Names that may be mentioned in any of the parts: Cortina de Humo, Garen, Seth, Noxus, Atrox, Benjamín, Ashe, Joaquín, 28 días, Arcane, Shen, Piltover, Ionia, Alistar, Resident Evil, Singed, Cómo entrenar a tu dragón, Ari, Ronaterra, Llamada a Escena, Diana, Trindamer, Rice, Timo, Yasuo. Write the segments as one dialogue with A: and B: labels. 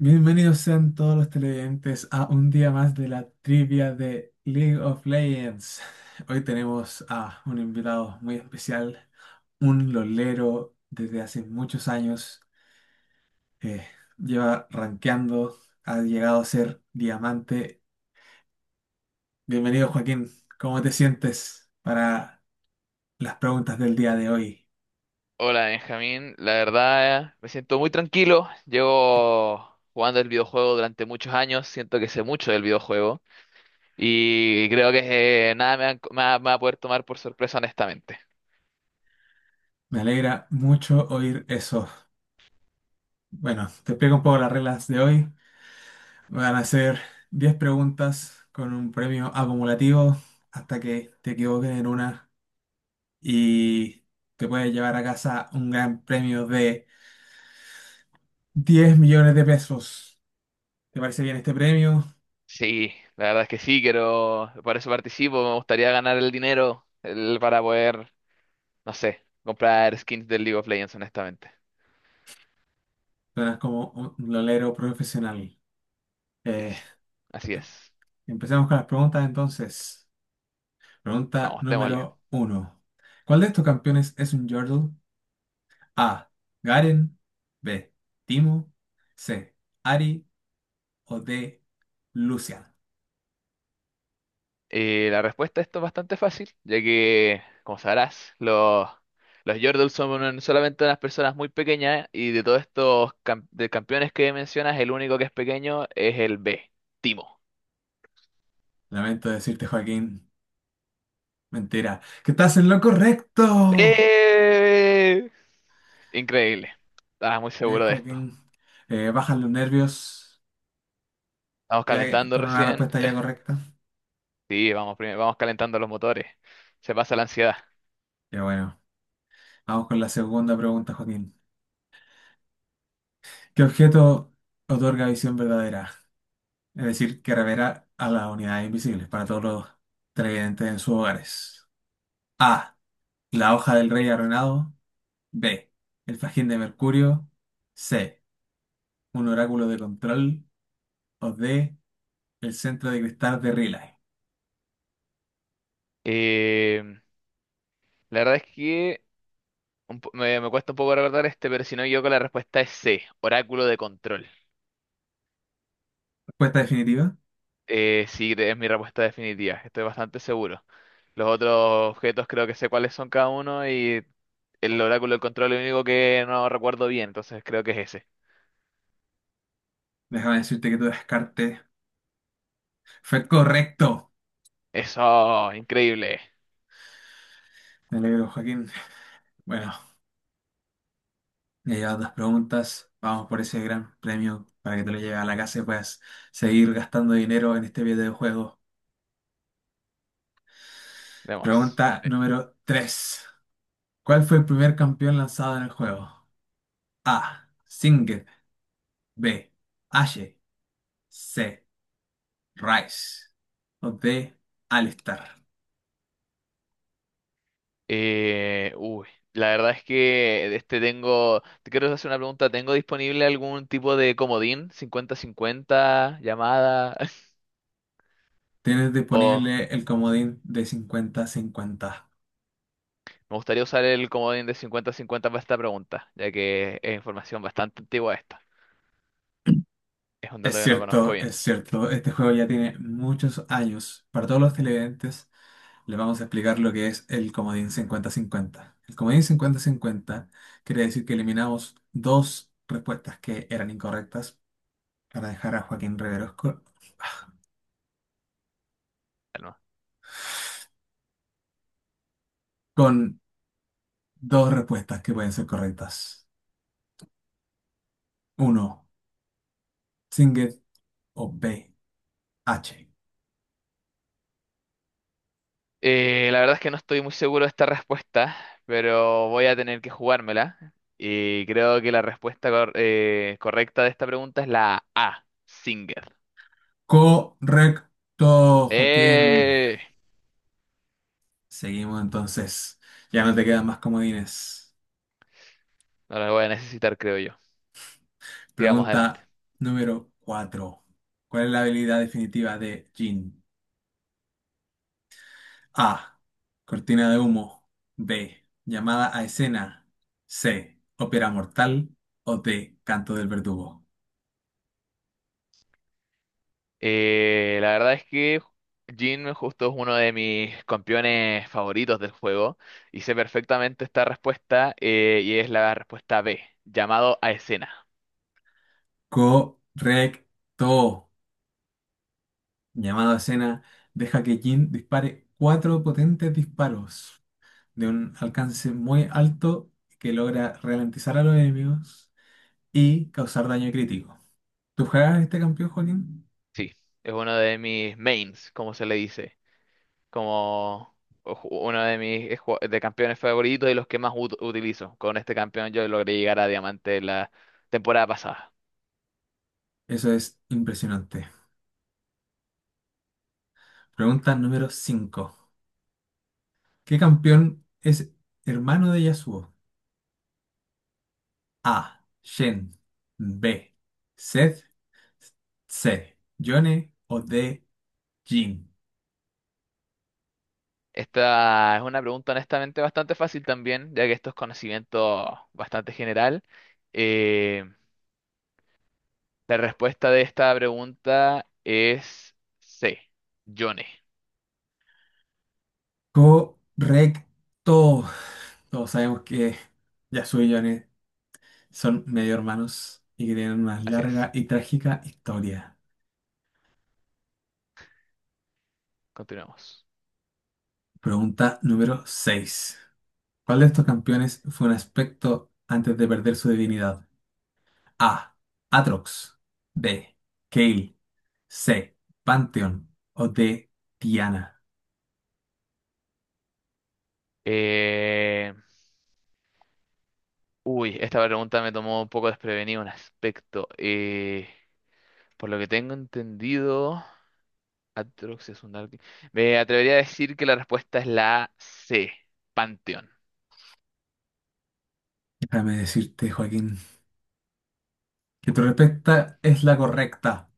A: Bienvenidos sean todos los televidentes a un día más de la trivia de League of Legends. Hoy tenemos a un invitado muy especial, un lolero desde hace muchos años. eh, Lleva rankeando, ha llegado a ser diamante. Bienvenido Joaquín, ¿cómo te sientes para las preguntas del día de hoy?
B: Hola Benjamín, la verdad me siento muy tranquilo. Llevo jugando el videojuego durante muchos años, siento que sé mucho del videojuego y creo que nada me va a poder tomar por sorpresa honestamente.
A: Me alegra mucho oír eso. Bueno, te explico un poco las reglas de hoy. Van a hacer 10 preguntas con un premio acumulativo hasta que te equivoques en una y te puedes llevar a casa un gran premio de 10 millones de pesos. ¿Te parece bien este premio?
B: Sí, la verdad es que sí, quiero, por eso participo, me gustaría ganar el dinero para poder, no sé, comprar skins del League of Legends honestamente.
A: Suenas como un lolero profesional. Eh,
B: Yes, así es.
A: Empecemos con las preguntas entonces. Pregunta
B: Vamos, démosle.
A: número uno. ¿Cuál de estos campeones es un Yordle? A. Garen. B. Timo. C. Ari. O D. Lucian.
B: Y la respuesta a esto es bastante fácil, ya que, como sabrás, los Yordles son solamente unas personas muy pequeñas y de todos de campeones que mencionas, el único que es pequeño es el B, Timo.
A: Lamento decirte, Joaquín, mentira, que estás en lo correcto.
B: ¡Eh! Increíble. Estaba muy
A: Bien,
B: seguro de esto.
A: Joaquín, bajan los nervios
B: Estamos calentando
A: con una
B: recién.
A: respuesta ya correcta.
B: Sí, vamos, primero, vamos calentando los motores. Se pasa la ansiedad.
A: Ya bueno, vamos con la segunda pregunta, Joaquín. ¿Qué objeto otorga visión verdadera? Es decir, que revela a las unidades invisibles para todos los televidentes en sus hogares. A. La hoja del rey arruinado. B. El fajín de Mercurio. C. Un oráculo de control. O D. El centro de cristal de Riley.
B: Eh, la verdad es que me cuesta un poco recordar este, pero si no, yo con la respuesta es C, Oráculo de Control.
A: Respuesta definitiva.
B: Sí, es mi respuesta definitiva, estoy bastante seguro. Los otros objetos creo que sé cuáles son cada uno y el oráculo del control es el único que no recuerdo bien, entonces creo que es ese.
A: Déjame decirte que tu descarte fue correcto.
B: Eso, increíble.
A: Me alegro, Joaquín. Bueno, ya llevas dos preguntas. Vamos por ese gran premio para que te lo lleves a la casa y puedas seguir gastando dinero en este videojuego.
B: Vemos.
A: Pregunta número 3. ¿Cuál fue el primer campeón lanzado en el juego? A. Singed. B. Ashe. C. Rice. O D. Alistar.
B: Uy, la verdad es que te quiero hacer una pregunta, ¿tengo disponible algún tipo de comodín? 50-50, llamada,
A: Tienes
B: o
A: disponible el comodín de 50-50.
B: me gustaría usar el comodín de 50-50 para esta pregunta, ya que es información bastante antigua esta. Es un
A: Es
B: dato que no conozco
A: cierto,
B: bien.
A: es cierto. Este juego ya tiene muchos años. Para todos los televidentes, les vamos a explicar lo que es el comodín 50-50. El comodín cincuenta-cincuenta quiere decir que eliminamos dos respuestas que eran incorrectas para dejar a Joaquín Riveros
B: Calma.
A: con, dos respuestas que pueden ser correctas. Uno, Singer o B, H.
B: La verdad es que no estoy muy seguro de esta respuesta, pero voy a tener que jugármela. Y creo que correcta de esta pregunta es la A, Singer.
A: Correcto, Joaquín.
B: Eh,
A: Seguimos entonces. Ya no te quedan más comodines.
B: no la voy a necesitar, creo yo. Sigamos adelante.
A: Pregunta número 4. ¿Cuál es la habilidad definitiva de Jin? A. Cortina de humo. B. Llamada a escena. C. Ópera mortal. O D. Canto del verdugo.
B: La verdad es que Jin justo es uno de mis campeones favoritos del juego y sé perfectamente esta respuesta y es la respuesta B, llamado a escena.
A: Correcto. Llamada a escena deja que Jin dispare cuatro potentes disparos de un alcance muy alto que logra ralentizar a los enemigos y causar daño crítico. ¿Tú juegas este campeón, Joaquín?
B: Sí, es uno de mis mains, como se le dice, como uno de mis de campeones favoritos y los que más utilizo. Con este campeón yo logré llegar a diamante la temporada pasada.
A: Eso es impresionante. Pregunta número 5. ¿Qué campeón es hermano de Yasuo? A. Shen. B. Seth. C. Yone. O D. Jin.
B: Esta es una pregunta honestamente bastante fácil también, ya que esto es conocimiento bastante general. Eh, la respuesta de esta pregunta es C, Yone.
A: Correcto. Todos sabemos que Yasuo y Yone son medio hermanos y que tienen una
B: Así
A: larga
B: es,
A: y trágica historia.
B: continuamos.
A: Pregunta número seis. ¿Cuál de estos campeones fue un aspecto antes de perder su divinidad? A. Atrox. B. Kale. C. Pantheon. O D. Diana.
B: Uy, esta pregunta me tomó un poco desprevenido en aspecto. Por lo que tengo entendido, Atrox es un arque- me atrevería a decir que la respuesta es la C, Panteón.
A: Déjame decirte, Joaquín, que tu respuesta es la correcta.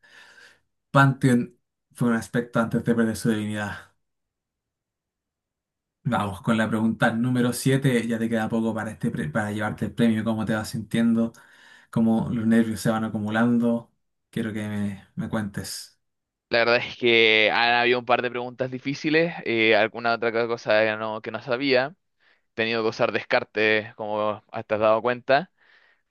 A: Pantheon fue un aspecto antes de perder su divinidad. Vamos con la pregunta número 7. Ya te queda poco para, para llevarte el premio. ¿Cómo te vas sintiendo? ¿Cómo los nervios se van acumulando? Quiero que me cuentes.
B: La verdad es que han habido un par de preguntas difíciles, alguna otra cosa que que no sabía. He tenido que usar descarte, como te has dado cuenta.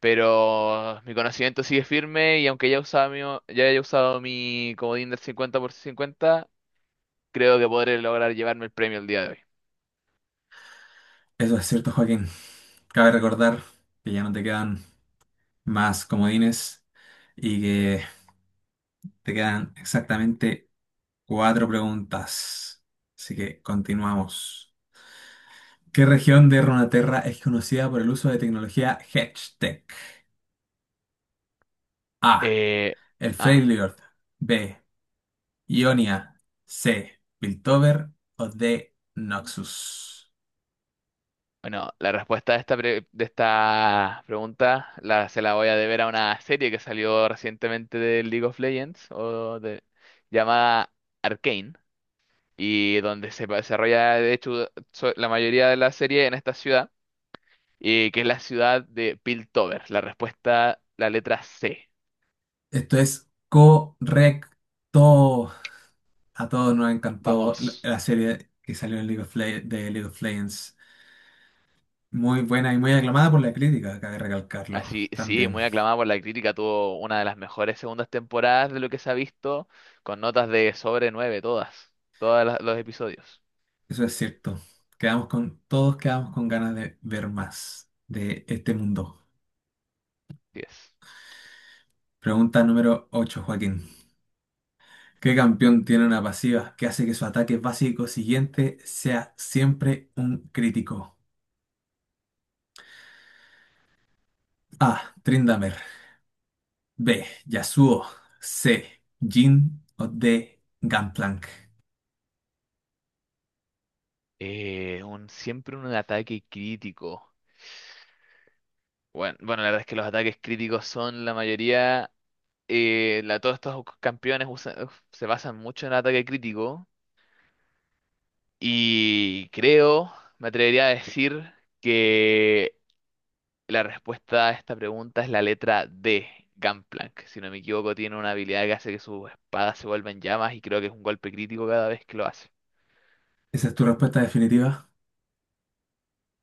B: Pero mi conocimiento sigue firme y aunque ya haya usado mi comodín del 50 por 50, creo que podré lograr llevarme el premio el día de hoy.
A: Eso es cierto, Joaquín. Cabe recordar que ya no te quedan más comodines y que te quedan exactamente cuatro preguntas. Así que continuamos. ¿Qué región de Ronaterra es conocida por el uso de tecnología HedgeTech? A.
B: Eh,
A: El
B: ah,
A: Freljord. B. Ionia. C. Piltover. O D. Noxus.
B: bueno, la respuesta de esta, pre- de esta pregunta se la voy a deber a una serie que salió recientemente de League of Legends o de, llamada Arcane y donde se desarrolla de hecho la mayoría de la serie en esta ciudad y que es la ciudad de Piltover. La respuesta, la letra C.
A: Esto es correcto. A todos nos encantó
B: Vamos.
A: la serie que salió en League of Legends. Muy buena y muy aclamada por la crítica, cabe recalcarlo
B: Así, sí,
A: también.
B: muy aclamada por la crítica, tuvo una de las mejores segundas temporadas de lo que se ha visto, con notas de sobre nueve todas, todos los episodios.
A: Eso es cierto. Todos quedamos con ganas de ver más de este mundo.
B: Diez.
A: Pregunta número 8, Joaquín. ¿Qué campeón tiene una pasiva que hace que su ataque básico siguiente sea siempre un crítico? A. Trindamer. B. Yasuo. C. Jhin. O D. Gangplank.
B: Siempre un ataque crítico. Bueno, bueno, la verdad es que los ataques críticos son la mayoría, todos estos uf, se basan mucho en el ataque crítico y me atrevería a decir que la respuesta a esta pregunta es la letra D, Gangplank. Si no me equivoco, tiene una habilidad que hace que sus espadas se vuelvan llamas y creo que es un golpe crítico cada vez que lo hace.
A: ¿Esa es tu respuesta definitiva?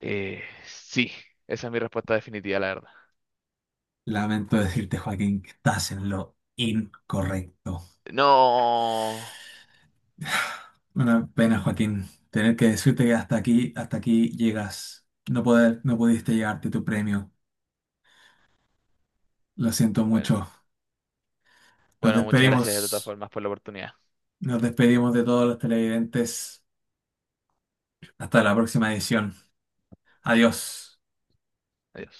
B: Sí, esa es mi respuesta definitiva, la verdad.
A: Lamento decirte, Joaquín, que estás en lo incorrecto.
B: No.
A: Una pena, Joaquín, tener que decirte que hasta aquí llegas. No pudiste llevarte tu premio. Lo siento
B: Bueno,
A: mucho. Nos
B: bueno, muchas gracias de todas
A: despedimos,
B: formas por la oportunidad.
A: Nos despedimos de todos los televidentes. Hasta la próxima edición. Adiós.
B: Adiós.